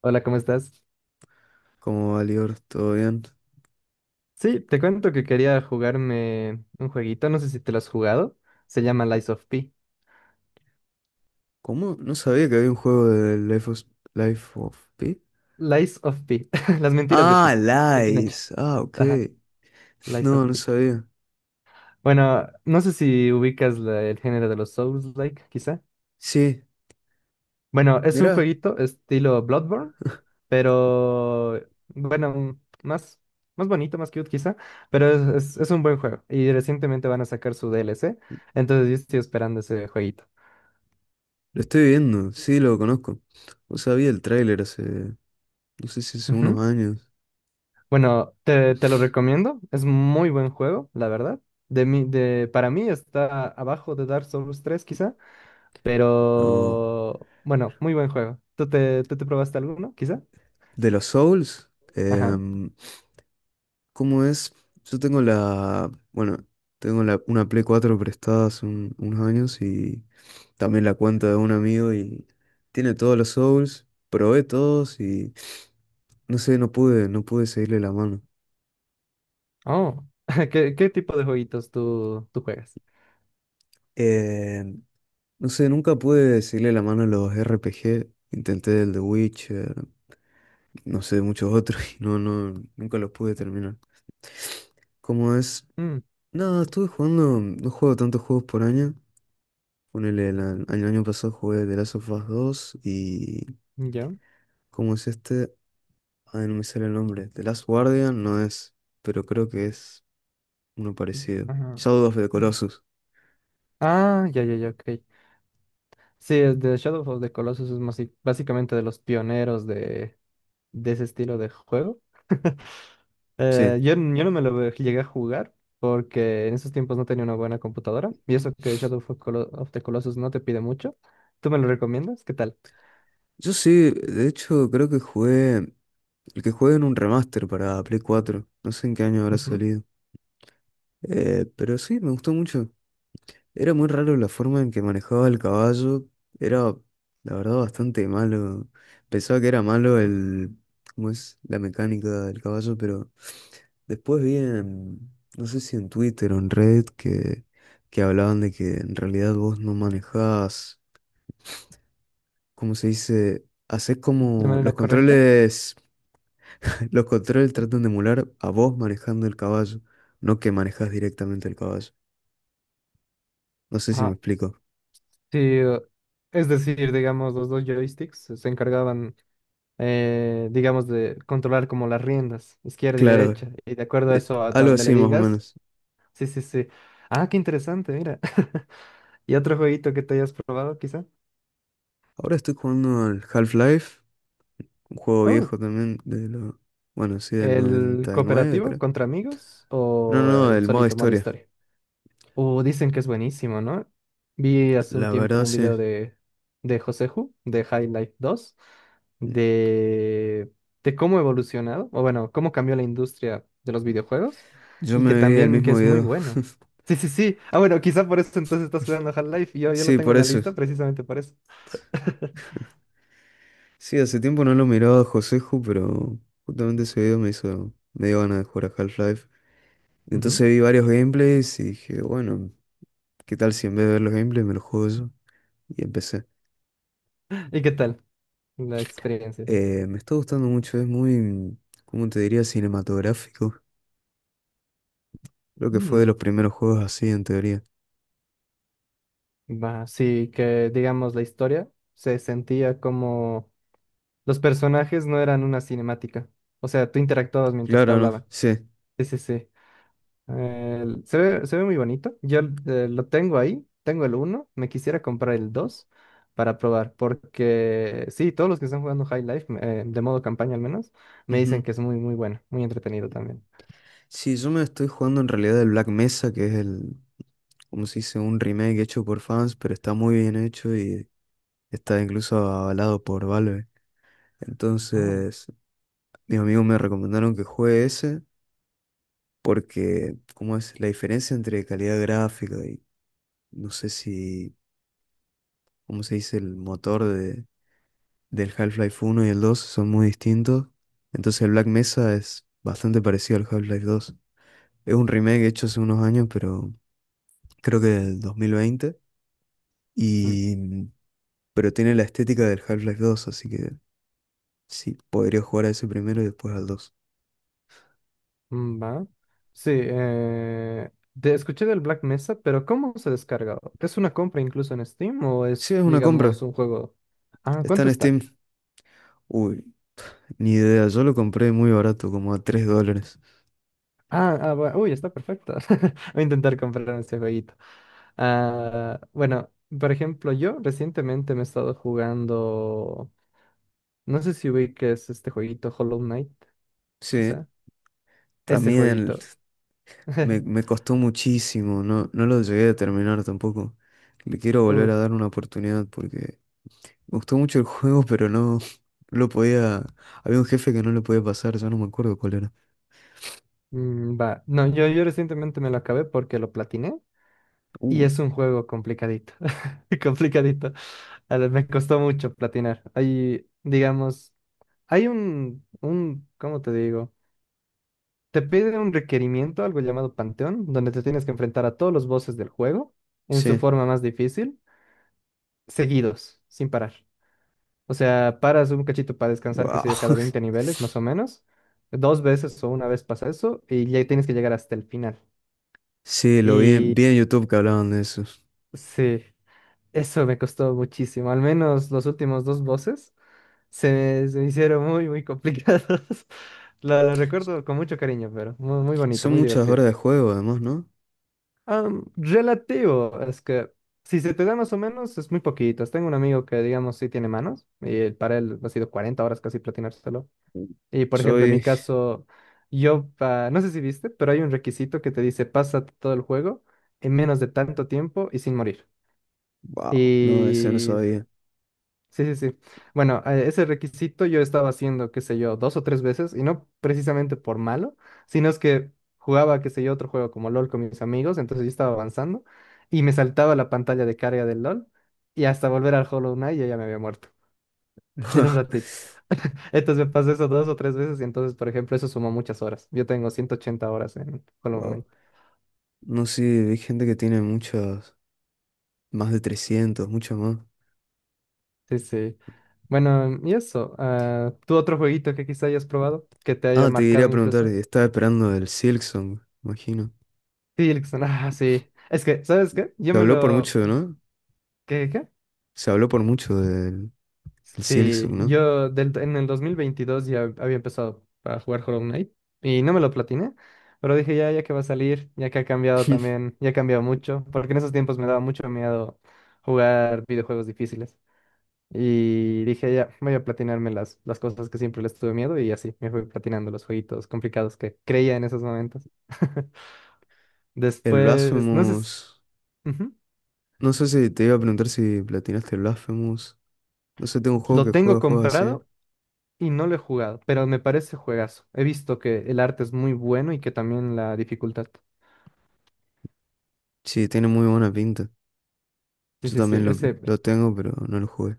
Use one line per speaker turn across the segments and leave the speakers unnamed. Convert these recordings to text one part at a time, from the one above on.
Hola, ¿cómo estás?
¿Cómo va, Lior? ¿Todo bien?
Sí, te cuento que quería jugarme un jueguito, no sé si te lo has jugado. Se llama Lies of P.
¿Cómo? No sabía que había un juego de Life of Pi.
Lies of P. Las mentiras de
Ah,
P. De Pinocho.
Lies. Ah, ok.
Ajá, Lies of
No, no
P.
sabía.
Bueno, no sé si ubicas el género de los Souls-like, quizá.
Sí,
Bueno, es un
mirá,
jueguito estilo Bloodborne, pero bueno, más, más bonito, más cute quizá, pero es un buen juego. Y recientemente van a sacar su DLC, entonces yo estoy esperando ese jueguito.
lo estoy viendo. Sí, lo conozco. O sea, vi el tráiler hace, no sé si hace unos años.
Bueno, te lo recomiendo. Es muy buen juego, la verdad. Para mí está abajo de Dark Souls tres, quizá.
No.
Pero bueno, muy buen juego. ¿Tú te probaste alguno, quizá?
De los Souls.
Ajá.
¿Cómo es? Bueno, una Play 4 prestada hace unos años y también la cuenta de un amigo y tiene todos los Souls, probé todos y no sé, no pude seguirle la mano.
Oh, ¿qué tipo de jueguitos tú juegas?
Eh, no sé, nunca pude seguirle la mano a los RPG, intenté el The Witcher, no sé, muchos otros y nunca los pude terminar. ¿Cómo es?
Mm,
Nada, estuve jugando, no juego tantos juegos por año. Ponele, el año pasado jugué The Last of Us 2 y...
¿yo?
¿Cómo es este? Ay, no me sale el nombre. The Last Guardian no es, pero creo que es... Uno parecido.
Ajá.
Shadow of the
Mm.
Colossus.
Ah, ya, ya, ya, ok. Sí, es de Shadow of the Colossus. Sí, básicamente de los pioneros de ese estilo de juego.
Sí.
Yo no me lo llegué a jugar porque en esos tiempos no tenía una buena computadora. Y eso que Shadow of the Colossus no te pide mucho. ¿Tú me lo recomiendas? ¿Qué tal?
Yo sí, de hecho, creo que jugué. El que jugué en un remaster para Play 4. No sé en qué año habrá
Ujú.
salido. Pero sí, me gustó mucho. Era muy raro la forma en que manejaba el caballo. Era, la verdad, bastante malo. Pensaba que era malo el, ¿cómo es? La mecánica del caballo, pero después vi en, no sé si en Twitter o en Reddit que hablaban de que en realidad vos no manejabas, ¿cómo se dice? Haces
¿De
como los
manera correcta?
controles, los controles tratan de emular a vos manejando el caballo, no que manejas directamente el caballo. No sé si me
Ah,
explico.
sí. Es decir, digamos, los dos joysticks se encargaban, digamos, de controlar como las riendas, izquierda y
Claro,
derecha. Y de acuerdo a eso, a
algo
donde le
así más o
digas.
menos.
Sí, sí, sí. Ah, qué interesante, mira. ¿Y otro jueguito que te hayas probado, quizá?
Ahora estoy jugando al Half-Life, un juego
Oh,
viejo también bueno, sí, del
¿el
99,
cooperativo
creo.
contra amigos
No,
o
no,
el
el modo
solito modo
historia.
historia? Dicen que es buenísimo, ¿no? Vi hace un
La
tiempo
verdad,
un
sí.
video de Joseju, de High Life dos, de, de cómo ha evolucionado, o bueno, cómo cambió la industria de los videojuegos,
Yo
y que
me vi el
también que
mismo
es muy
video.
bueno. Sí, sí, sí. Ah, bueno, quizá por eso entonces estás jugando Half-Life. Yo lo
Sí,
tengo
por
en la
eso.
lista precisamente por eso.
Sí, hace tiempo no lo miraba a Joseju, pero justamente ese video me dio ganas de jugar a Half-Life.
Ujú.
Entonces vi varios gameplays y dije, bueno, ¿qué tal si en vez de ver los gameplays me los juego yo? Y empecé.
¿Y qué tal la experiencia?
Me está gustando mucho, es muy, ¿cómo te diría? Cinematográfico. Creo que fue de
Mm.
los primeros juegos así, en teoría.
Va, sí, que digamos la historia se sentía como los personajes no eran una cinemática. O sea, tú interactuabas mientras te
Claro, ¿no?
hablaban.
Sí.
Sí, sí, sí. Se ve muy bonito. Yo lo tengo ahí, tengo el uno, me quisiera comprar el 2 para probar, porque sí, todos los que están jugando High Life, de modo campaña al menos, me dicen
Ujú.
que es muy, muy bueno, muy entretenido también.
Sí, yo me estoy jugando en realidad el Black Mesa, que es el, como se dice, un remake hecho por fans, pero está muy bien hecho y está incluso avalado por Valve.
Ah.
Entonces, mis amigos me recomendaron que juegue ese porque, ¿cómo es? La diferencia entre calidad gráfica y no sé si, ¿cómo se dice? El motor del Half-Life 1 y el 2 son muy distintos. Entonces, el Black Mesa es bastante parecido al Half-Life 2. Es un remake hecho hace unos años, pero creo que del 2020.
Mm.
Y, pero tiene la estética del Half-Life 2, así que sí, podría jugar a ese primero y después al dos.
Mm, va. Sí, te escuché del Black Mesa, pero ¿cómo se descarga? ¿Es una compra incluso en Steam o
Sí,
es,
es una
digamos,
compra.
un juego? Ah,
Está
¿cuánto
en
está?
Steam. Uy, ni idea, yo lo compré muy barato, como a $3.
Ah, ah, uy, está perfecto. Voy a intentar comprar este jueguito. Ah, bueno, por ejemplo, yo recientemente me he estado jugando. No sé si ubiques este jueguito, Hollow Knight,
Sí,
quizá. Ese
también
jueguito.
me, me costó muchísimo, no lo llegué a terminar tampoco. Le quiero
Uh,
volver a dar una oportunidad porque me gustó mucho el juego, pero no, no lo podía... Había un jefe que no lo podía pasar, ya no me acuerdo cuál era.
mm, va. No, yo recientemente me lo acabé porque lo platiné. Y
Uh,
es un juego complicadito, complicadito. A ver, me costó mucho platinar. Hay, digamos, hay ¿cómo te digo? Te pide un requerimiento, algo llamado Panteón, donde te tienes que enfrentar a todos los bosses del juego en su
sí,
forma más difícil, seguidos, sin parar. O sea, paras un cachito para descansar, qué sé
wow.
yo, cada 20 niveles, más o menos. Dos veces o una vez pasa eso y ya tienes que llegar hasta el final.
Sí, lo vi,
Y
vi en YouTube que hablaban de eso.
sí, eso me costó muchísimo, al menos los últimos dos bosses. Se me hicieron muy, muy complicados. Lo recuerdo con mucho cariño, pero muy, muy bonito,
Son
muy
muchas
divertido.
horas de juego además, ¿no?
Relativo, es que si se te da más o menos, es muy poquito. Tengo un amigo que, digamos, sí tiene manos, y para él ha sido 40 horas casi platinárselo. Y, por ejemplo, en mi
Soy...
caso, no sé si viste, pero hay un requisito que te dice, pasa todo el juego en menos de tanto tiempo y sin morir.
Wow, no, eso no
Y
sabía.
sí, sí, sí. Bueno, ese requisito yo estaba haciendo, qué sé yo, dos o tres veces, y no precisamente por malo, sino es que jugaba, qué sé yo, otro juego como LOL con mis amigos, entonces yo estaba avanzando y me saltaba la pantalla de carga del LOL y hasta volver al Hollow Knight yo ya me había muerto en un ratito. Entonces me pasó eso dos o tres veces y entonces, por ejemplo, eso sumó muchas horas. Yo tengo 180 horas en Hollow Knight.
Wow. No sé, hay gente que tiene muchas, más de 300 muchas más.
Sí, sí. Bueno, y eso, ah, ¿tú otro jueguito que quizá hayas probado, que te haya
Ah, te quería
marcado
preguntar,
incluso?
y estaba esperando el Silksong, imagino.
Sí, Erickson, ah, sí. Es que, ¿sabes qué? Yo
Se
me
habló por
lo...
mucho, ¿no?
¿Qué?
Se habló por mucho del el
Sí,
Silksong, ¿no?
yo en el 2022 ya había empezado a jugar Hollow Knight y no me lo platiné, pero dije ya, ya que va a salir, ya que ha cambiado también, ya ha cambiado mucho, porque en esos tiempos me daba mucho miedo jugar videojuegos difíciles. Y dije ya, voy a platinarme las cosas que siempre les tuve miedo y así me fui platinando los jueguitos complicados que creía en esos momentos.
El
Después, no sé si...
Blasphemous.
Ujú.
No sé si te iba a preguntar si platinaste el Blasphemous. No sé, tengo un juego
Lo
que
tengo
juega juegos así.
comprado y no lo he jugado, pero me parece juegazo. He visto que el arte es muy bueno y que también la dificultad.
Sí, tiene muy buena pinta.
Sí,
Yo
sí, sí.
también lo,
Ese,
lo tengo, pero no lo jugué.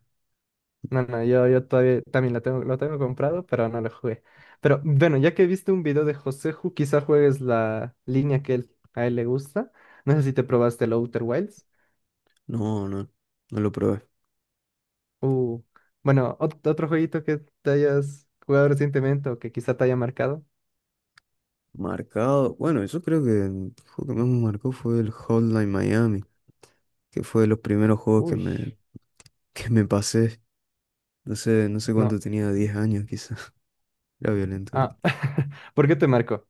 no, no, yo todavía también lo tengo comprado, pero no lo jugué. Pero bueno, ya que viste un video de José quizá juegues la línea que a él le gusta. No sé si te probaste el Outer Wilds.
No, no, no lo probé.
Uh, bueno, otro jueguito que te hayas jugado recientemente o que quizá te haya marcado.
Marcado. Bueno, yo creo que el juego que más me marcó fue el Hotline Miami, que fue de los primeros juegos
Uy,
que me pasé. No sé
no.
cuánto tenía, 10 años quizás. Era violento, digo.
Ah, ¿por qué te marcó?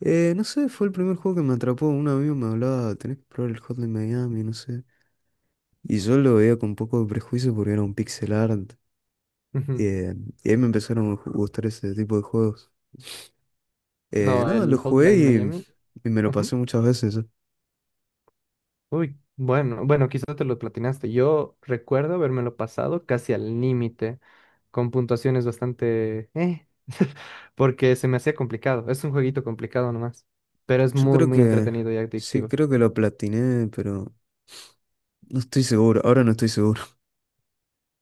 No sé, fue el primer juego que me atrapó. Un amigo me hablaba, tenés que probar el Hotline Miami, no sé. Y yo lo veía con poco de prejuicio porque era un pixel art.
Ujú.
Eh, y ahí me empezaron a gustar ese tipo de juegos.
No,
Nada, lo
el
jugué
Hotline Miami.
y me lo
Ujú.
pasé muchas veces. Yo
Uy, bueno, bueno, quizás te lo platinaste. Yo recuerdo habérmelo pasado casi al límite, con puntuaciones bastante porque se me hacía complicado. Es un jueguito complicado nomás, pero es
Yo
muy,
creo
muy
que,
entretenido y
sí,
adictivo.
creo que lo platiné, pero no estoy seguro. Ahora no estoy seguro.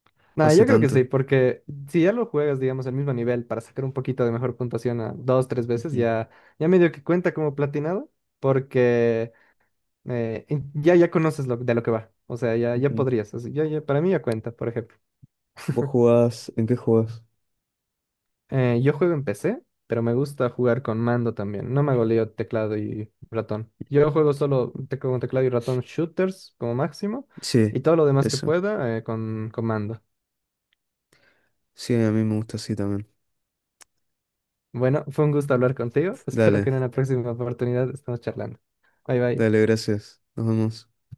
Fue
Nada,
hace
yo creo que sí,
tanto.
porque si ya lo juegas, digamos, al mismo nivel para sacar un poquito de mejor puntuación a dos, tres veces,
Ujú,
ya, ya medio que cuenta como platinado, porque ya conoces de lo que va. O sea, ya
ujú.
podrías. Así, para mí ya cuenta, por ejemplo.
¿Vos jugás? ¿En qué jugás?
Yo juego en PC, pero me gusta jugar con mando también. No me goleo teclado y ratón. Yo juego solo con teclado y ratón shooters como máximo
Sí,
y todo lo demás que
eso.
pueda con mando.
Sí, a mí me gusta así también.
Bueno, fue un gusto hablar contigo. Espero
Dale,
que en una próxima oportunidad estemos charlando. Bye bye.
dale, gracias. Nos vemos.